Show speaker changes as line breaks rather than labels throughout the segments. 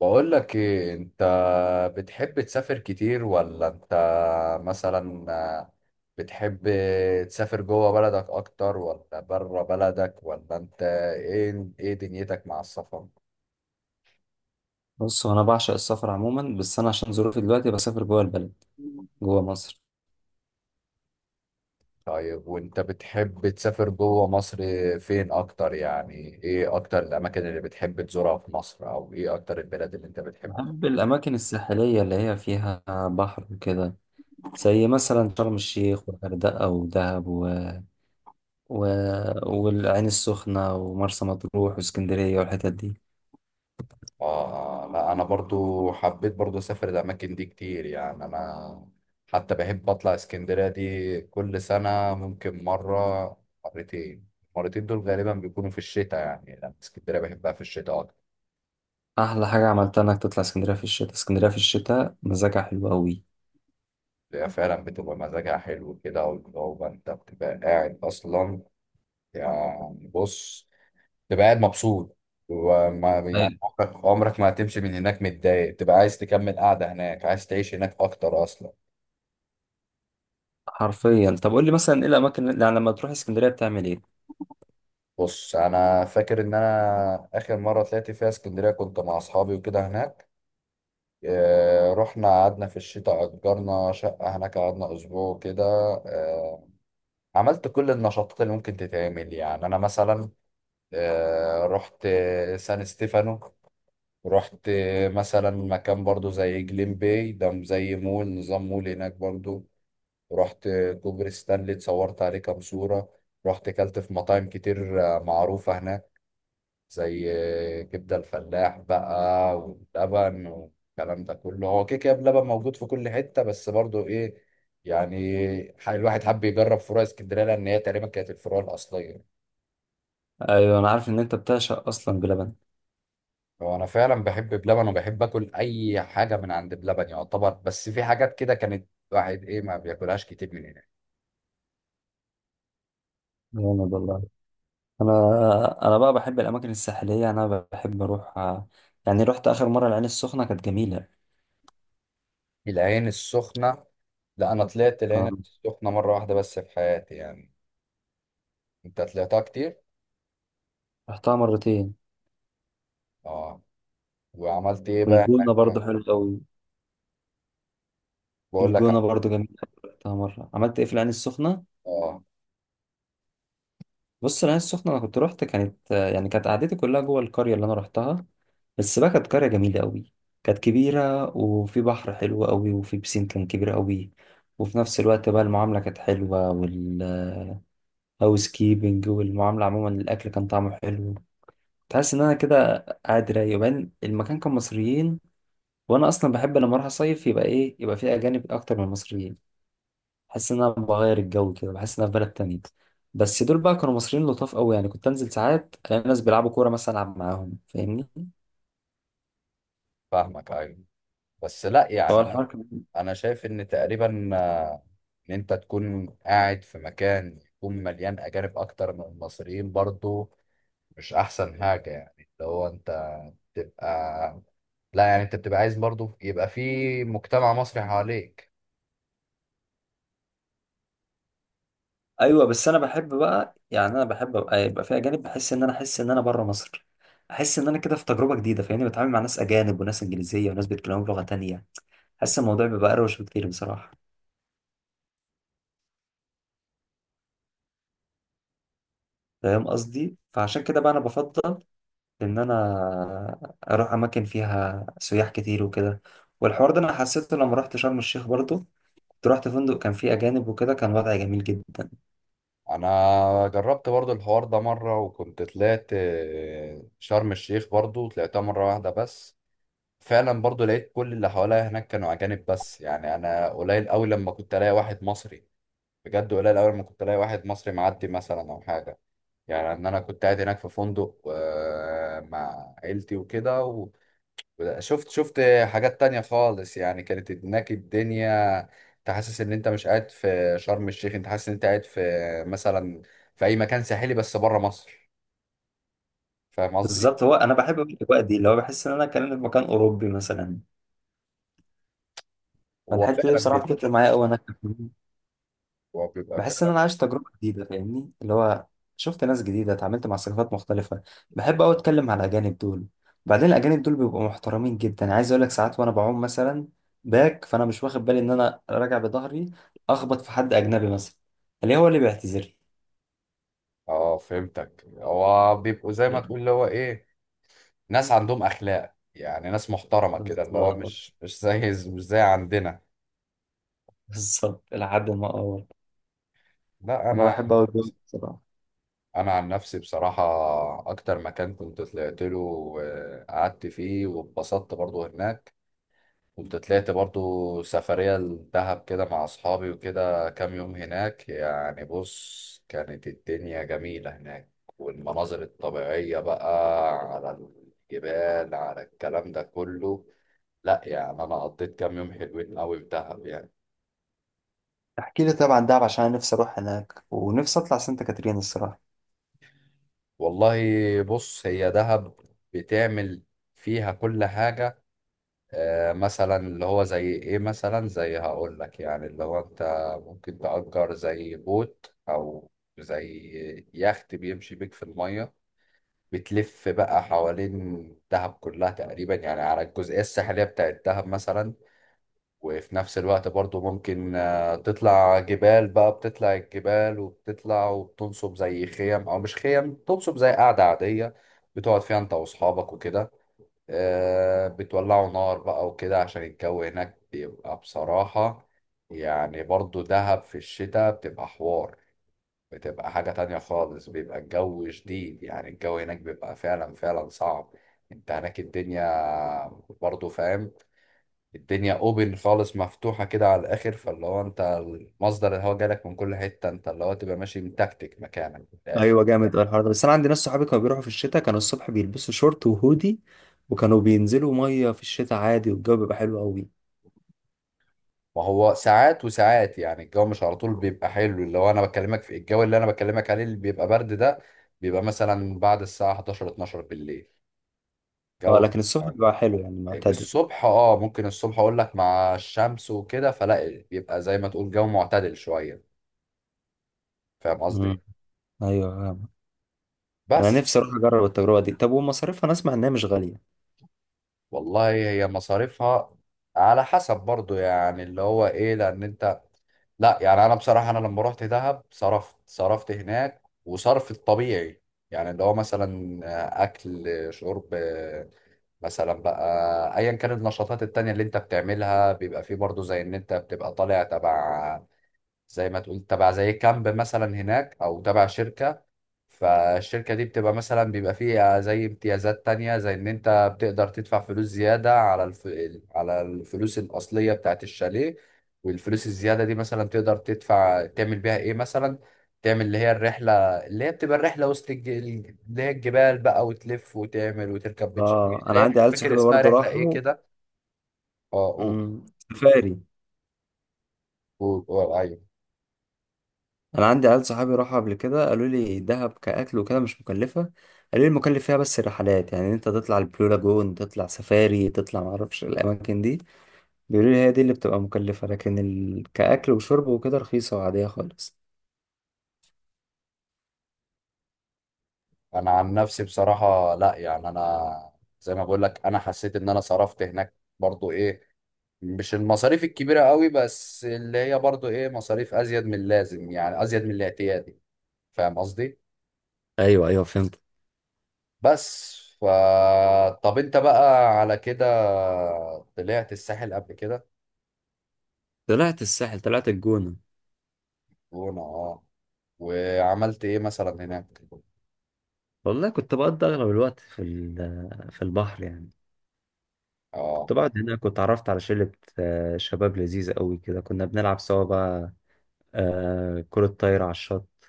بقول لك ايه انت؟ بتحب تسافر كتير ولا انت مثلا بتحب تسافر جوه بلدك اكتر ولا بره بلدك؟ ولا انت ايه دنيتك مع السفر؟
بص، هو انا بعشق السفر عموما. بس انا عشان ظروفي دلوقتي بسافر جوه البلد، جوه مصر.
طيب وانت بتحب تسافر جوه مصر؟ فين اكتر يعني؟ ايه اكتر الاماكن اللي بتحب تزورها في مصر؟ او ايه اكتر البلاد اللي انت بتحب؟
بحب الاماكن الساحليه اللي هي فيها بحر وكده، زي مثلا شرم الشيخ والغردقه ودهب و... والعين السخنه ومرسى مطروح واسكندريه والحتت دي.
اه. لا انا برضو حبيت برضو اسافر الاماكن دي كتير، يعني انا حتى بحب اطلع اسكندرية دي كل سنة، ممكن مرة، مرتين. المرتين دول غالبا بيكونوا في الشتاء، يعني لان اسكندرية بحبها في الشتاء اكتر.
احلى حاجه عملتها انك تطلع اسكندريه في الشتاء. اسكندريه في الشتاء مزاجها حلو قوي.
هي فعلا بتبقى مزاجها حلو كده، والجو انت بتبقى قاعد اصلا، يعني بص، تبقى قاعد مبسوط. وما يعني
أيوة.
عمرك عمرك ما هتمشي من هناك متضايق، تبقى عايز تكمل قاعدة هناك، عايز تعيش هناك اكتر اصلا.
حرفيا، طب قول لي مثلا ايه الاماكن يعني لما تروح اسكندريه بتعمل ايه؟
بص، انا فاكر ان انا اخر مره طلعت فيها اسكندريه كنت مع اصحابي وكده هناك. رحنا قعدنا في الشتاء، اجرنا شقه هناك، قعدنا اسبوع كده. آه، عملت كل النشاطات اللي ممكن تتعمل، يعني انا مثلا رحت سان ستيفانو، رحت مثلا مكان برضو زي جليم باي ده، زي مول نظام، مول هناك برضو، رحت كوبري ستانلي اتصورت عليه كام صوره، رحت كلت في مطاعم كتير معروفه هناك، زي كبدة الفلاح بقى واللبن والكلام ده كله. هو كيكة بلبن موجود في كل حتة، بس برضو ايه يعني، الواحد حب يجرب فروع اسكندرية، لأن هي تقريبا كانت الفروع الأصلية.
ايوه، انا عارف ان انت بتعشق اصلا بلبن.
هو أنا فعلا بحب بلبن، وبحب آكل أي حاجة من عند بلبن يعتبر، بس في حاجات كده كانت الواحد ايه، ما بياكلهاش كتير من هناك.
جامد والله. انا بقى بحب الاماكن الساحليه. انا بحب اروح، يعني رحت اخر مره العين السخنه كانت جميله.
العين السخنة، لا أنا طلعت العين
آه،
السخنة مرة واحدة بس في حياتي يعني. أنت طلعتها كتير؟
رحتها مرتين.
اه. وعملت ايه بقى
والجونه برضو
هناك؟
حلو قوي.
بقول
الجونه
لك.
برضو جميله. رحتها مره. عملت ايه في العين السخنه؟
اه،
بص، العين السخنه انا كنت رحت، كانت يعني كانت قعدتي كلها جوه القريه اللي انا رحتها. بس بقى كانت قريه جميله قوي. كانت كبيره وفي بحر حلو قوي وفي بسين كان كبير قوي. وفي نفس الوقت بقى المعامله كانت حلوه، والهاوس كيبنج والمعامله عموما، الاكل كان طعمه حلو. تحس ان انا كده قاعد رايق. وبعدين المكان كان مصريين، وانا اصلا بحب لما اروح اصيف يبقى ايه، يبقى فيه اجانب اكتر من المصريين. بحس ان انا بغير الجو كده، بحس ان انا في بلد تانية. بس دول بقى كانوا مصريين لطاف قوي، يعني كنت انزل ساعات الاقي ناس بيلعبوا كوره مثلا، العب معاهم، فاهمني؟
فاهمك، ايوه، بس لا
فهو
يعني انا،
الحوار كان...
أنا شايف ان تقريبا ان انت تكون قاعد في مكان يكون مليان اجانب اكتر من المصريين برضو مش احسن حاجه يعني، اللي هو انت تبقى، لا يعني انت بتبقى عايز برضو يبقى في مجتمع مصري حواليك.
ايوه، بس انا بحب بقى، يعني انا بحب ابقى يبقى في اجانب. بحس ان انا احس ان انا بره مصر. احس ان انا كده في تجربه جديده، فاهمني؟ بتعامل مع ناس اجانب وناس انجليزيه وناس بيتكلموا بلغه تانية. حاسس الموضوع بيبقى اروش بكتير بصراحه. فاهم قصدي؟ فعشان كده بقى انا بفضل ان انا اروح اماكن فيها سياح كتير وكده. والحوار ده انا حسيته لما رحت شرم الشيخ برضو. كنت رحت فندق كان فيه اجانب وكده، كان وضع جميل جدا.
انا جربت برضو الحوار ده مره، وكنت طلعت شرم الشيخ برضو، طلعتها مره واحده بس. فعلا برضو لقيت كل اللي حواليا هناك كانوا اجانب بس، يعني انا قليل قوي لما كنت الاقي واحد مصري، بجد قليل أول ما كنت ألاقي واحد مصري معدي مثلا أو حاجة، يعني إن أنا كنت قاعد هناك في فندق مع عيلتي وكده، وشفت، حاجات تانية خالص يعني، كانت هناك الدنيا، أنت حاسس إن أنت مش قاعد في شرم الشيخ، أنت حاسس إن أنت قاعد في مثلا، في أي مكان ساحلي بس بره مصر. فاهم قصدي؟
بالظبط. هو انا بحب الاجواء دي، اللي هو بحس ان انا كان في مكان اوروبي مثلا.
هو
فالحته دي
فعلا
بصراحه
بيبقى.
بتفرق معايا قوي. انا
هو بيبقى
بحس ان
فعلا.
انا عايش تجربه جديده، فاهمني؟ اللي هو شفت ناس جديده، اتعاملت مع ثقافات مختلفه. بحب قوي اتكلم مع الاجانب دول. بعدين الاجانب دول بيبقوا محترمين جدا، يعني عايز اقول لك ساعات وانا بعوم مثلا باك، فانا مش واخد بالي ان انا راجع بظهري، اخبط في حد اجنبي مثلا، اللي هو اللي بيعتذر
اه، فهمتك، هو بيبقوا زي ما
لي.
تقول اللي هو ايه، ناس عندهم اخلاق، يعني ناس محترمة كده، اللي هو
بالظبط.
مش زي عندنا.
بالظبط لحد ما اه
لا
انا بحب قوي الجو ده بصراحه.
انا عن نفسي بصراحه، اكتر مكان كنت طلعت له وقعدت فيه واتبسطت برضو هناك، كنت طلعت برضو سفريه لدهب كده مع اصحابي وكده كام يوم هناك. يعني بص، كانت الدنيا جميله هناك، والمناظر الطبيعيه بقى، على الجبال، على الكلام ده كله. لا يعني انا قضيت كام يوم حلوين قوي في دهب يعني.
احكي لي طبعا دهب، عشان انا نفسي اروح هناك، ونفسي اطلع سانتا كاترين الصراحه.
والله بص، هي دهب بتعمل فيها كل حاجه. مثلا اللي هو زي ايه مثلا، زي هقول لك يعني، اللي هو انت ممكن تأجر زي بوت، او زي يخت بيمشي بيك في المية، بتلف بقى حوالين دهب كلها تقريبا، يعني على الجزئية الساحلية بتاعت دهب مثلا. وفي نفس الوقت برضو ممكن تطلع جبال بقى، بتطلع الجبال، وبتطلع وبتنصب زي خيم، او مش خيم، تنصب زي قعدة عادية بتقعد فيها انت واصحابك وكده. بتولعوا نار بقى وكده، عشان الجو هناك بيبقى بصراحة، يعني برضو دهب في الشتاء بتبقى حوار، بتبقى حاجة تانية خالص، بيبقى الجو شديد، يعني الجو هناك بيبقى فعلا فعلا صعب. انت هناك الدنيا برضو فاهم، الدنيا اوبن خالص، مفتوحة كده على الاخر، فاللي هو انت مصدر الهواء جالك من كل حتة، انت اللي هو تبقى ماشي متكتك مكانك في الاخر.
ايوه، جامد أوي الحوار ده. بس انا عندي ناس صحابي كانوا بيروحوا في الشتاء، كانوا الصبح بيلبسوا شورت وهودي، وكانوا بينزلوا ميه في الشتاء عادي والجو بيبقى حلو قوي.
ما هو ساعات وساعات يعني، الجو مش على طول بيبقى حلو، اللي هو انا بكلمك في الجو، اللي انا بكلمك عليه اللي بيبقى برد ده، بيبقى مثلا بعد الساعة 11، 12 بالليل،
اه،
جو.
لكن الصبح بيبقى حلو يعني معتدل.
الصبح اه ممكن الصبح اقول لك، مع الشمس وكده فلا، بيبقى زي ما تقول جو معتدل شوية. فاهم قصدي؟
امم. ايوه، فاهم. انا
بس.
نفسي اروح اجرب التجربه دي. طب ومصاريفها؟ انا اسمع انها مش غاليه.
والله هي مصاريفها على حسب برضو، يعني اللي هو ايه، لان انت، لا يعني انا بصراحه انا لما رحت دهب صرفت هناك وصرف الطبيعي، يعني اللي هو مثلا اكل، شرب، مثلا بقى ايا كانت النشاطات التانية اللي انت بتعملها، بيبقى فيه برضو زي ان انت بتبقى طالع تبع، زي ما تقول تبع زي كامب مثلا هناك، او تبع شركة. فالشركة دي بتبقى مثلا بيبقى فيها زي امتيازات تانية، زي إن أنت بتقدر تدفع فلوس زيادة على على الفلوس الأصلية بتاعت الشاليه، والفلوس الزيادة دي مثلا تقدر تدفع تعمل بيها إيه مثلا، تعمل اللي هي الرحلة، اللي هي بتبقى الرحلة وسط اللي هي الجبال بقى، وتلف وتعمل وتركب بيتش،
اه،
اللي
انا
هي
عندي
مش
عيال
فاكر
صحابي
اسمها
برضه
رحلة إيه
راحوا.
كده. أه قول،
امم سفاري.
قول، قول، أيوه.
انا عندي عيال صحابي راحوا قبل كده، قالوا لي دهب كاكل وكده مش مكلفه. قالوا لي المكلف فيها بس الرحلات، يعني انت تطلع البلو لاجون، تطلع سفاري، تطلع معرفش الاماكن دي. بيقولوا لي هي دي اللي بتبقى مكلفة، لكن كأكل وشرب وكده رخيصة وعادية خالص.
أنا عن نفسي بصراحة لأ، يعني أنا زي ما بقول لك، أنا حسيت إن أنا صرفت هناك برضو إيه، مش المصاريف الكبيرة قوي، بس اللي هي برضو ايه، مصاريف ازيد من اللازم، يعني ازيد من الاعتيادي. فاهم قصدي؟
ايوه ايوه، فهمت.
بس ف، طب انت بقى على كده طلعت الساحل قبل كده؟
طلعت الساحل، طلعت الجونة.
وانا اه. وعملت ايه مثلا هناك؟
والله كنت بقضي اغلب الوقت في البحر يعني.
اه،
كنت بقعد هناك واتعرفت على شلة، شباب لذيذة قوي كده. كنا بنلعب سوا بقى كرة طايرة على الشط.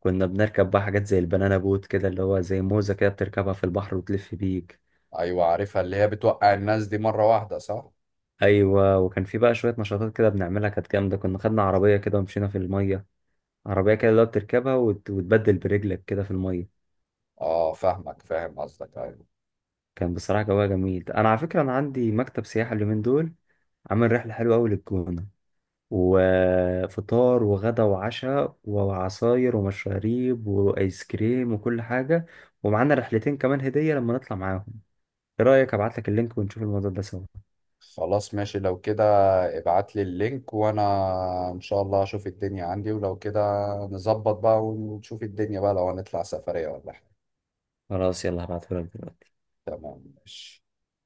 كنا بنركب بقى حاجات زي البنانا بوت كده، اللي هو زي موزة كده بتركبها في البحر وتلف بيك.
ايوه عارفها، اللي هي بتوقع الناس دي مرة واحدة صح؟
ايوه، وكان في بقى شوية نشاطات كده بنعملها كانت جامدة. كنا خدنا عربية كده ومشينا في المية. عربية كده اللي هو بتركبها وتبدل برجلك كده في المية.
اه، فاهمك، فاهم قصدك، ايوه.
كان بصراحة جواها جميل. أنا على فكرة أنا عندي مكتب سياحة اليومين دول، عامل رحلة حلوة أوي للجونة، وفطار وغدا وعشاء وعصاير ومشاريب وآيس كريم وكل حاجة، ومعانا رحلتين كمان هدية لما نطلع معاهم. إيه رأيك أبعتلك اللينك ونشوف الموضوع ده سوا؟
خلاص ماشي لو كده، ابعت لي اللينك، وانا ان شاء الله اشوف الدنيا عندي، ولو كده نظبط بقى ونشوف الدنيا بقى، لو هنطلع سفرية ولا حاجة.
خلاص، يلا هبعتهولك دلوقتي.
تمام، ماشي.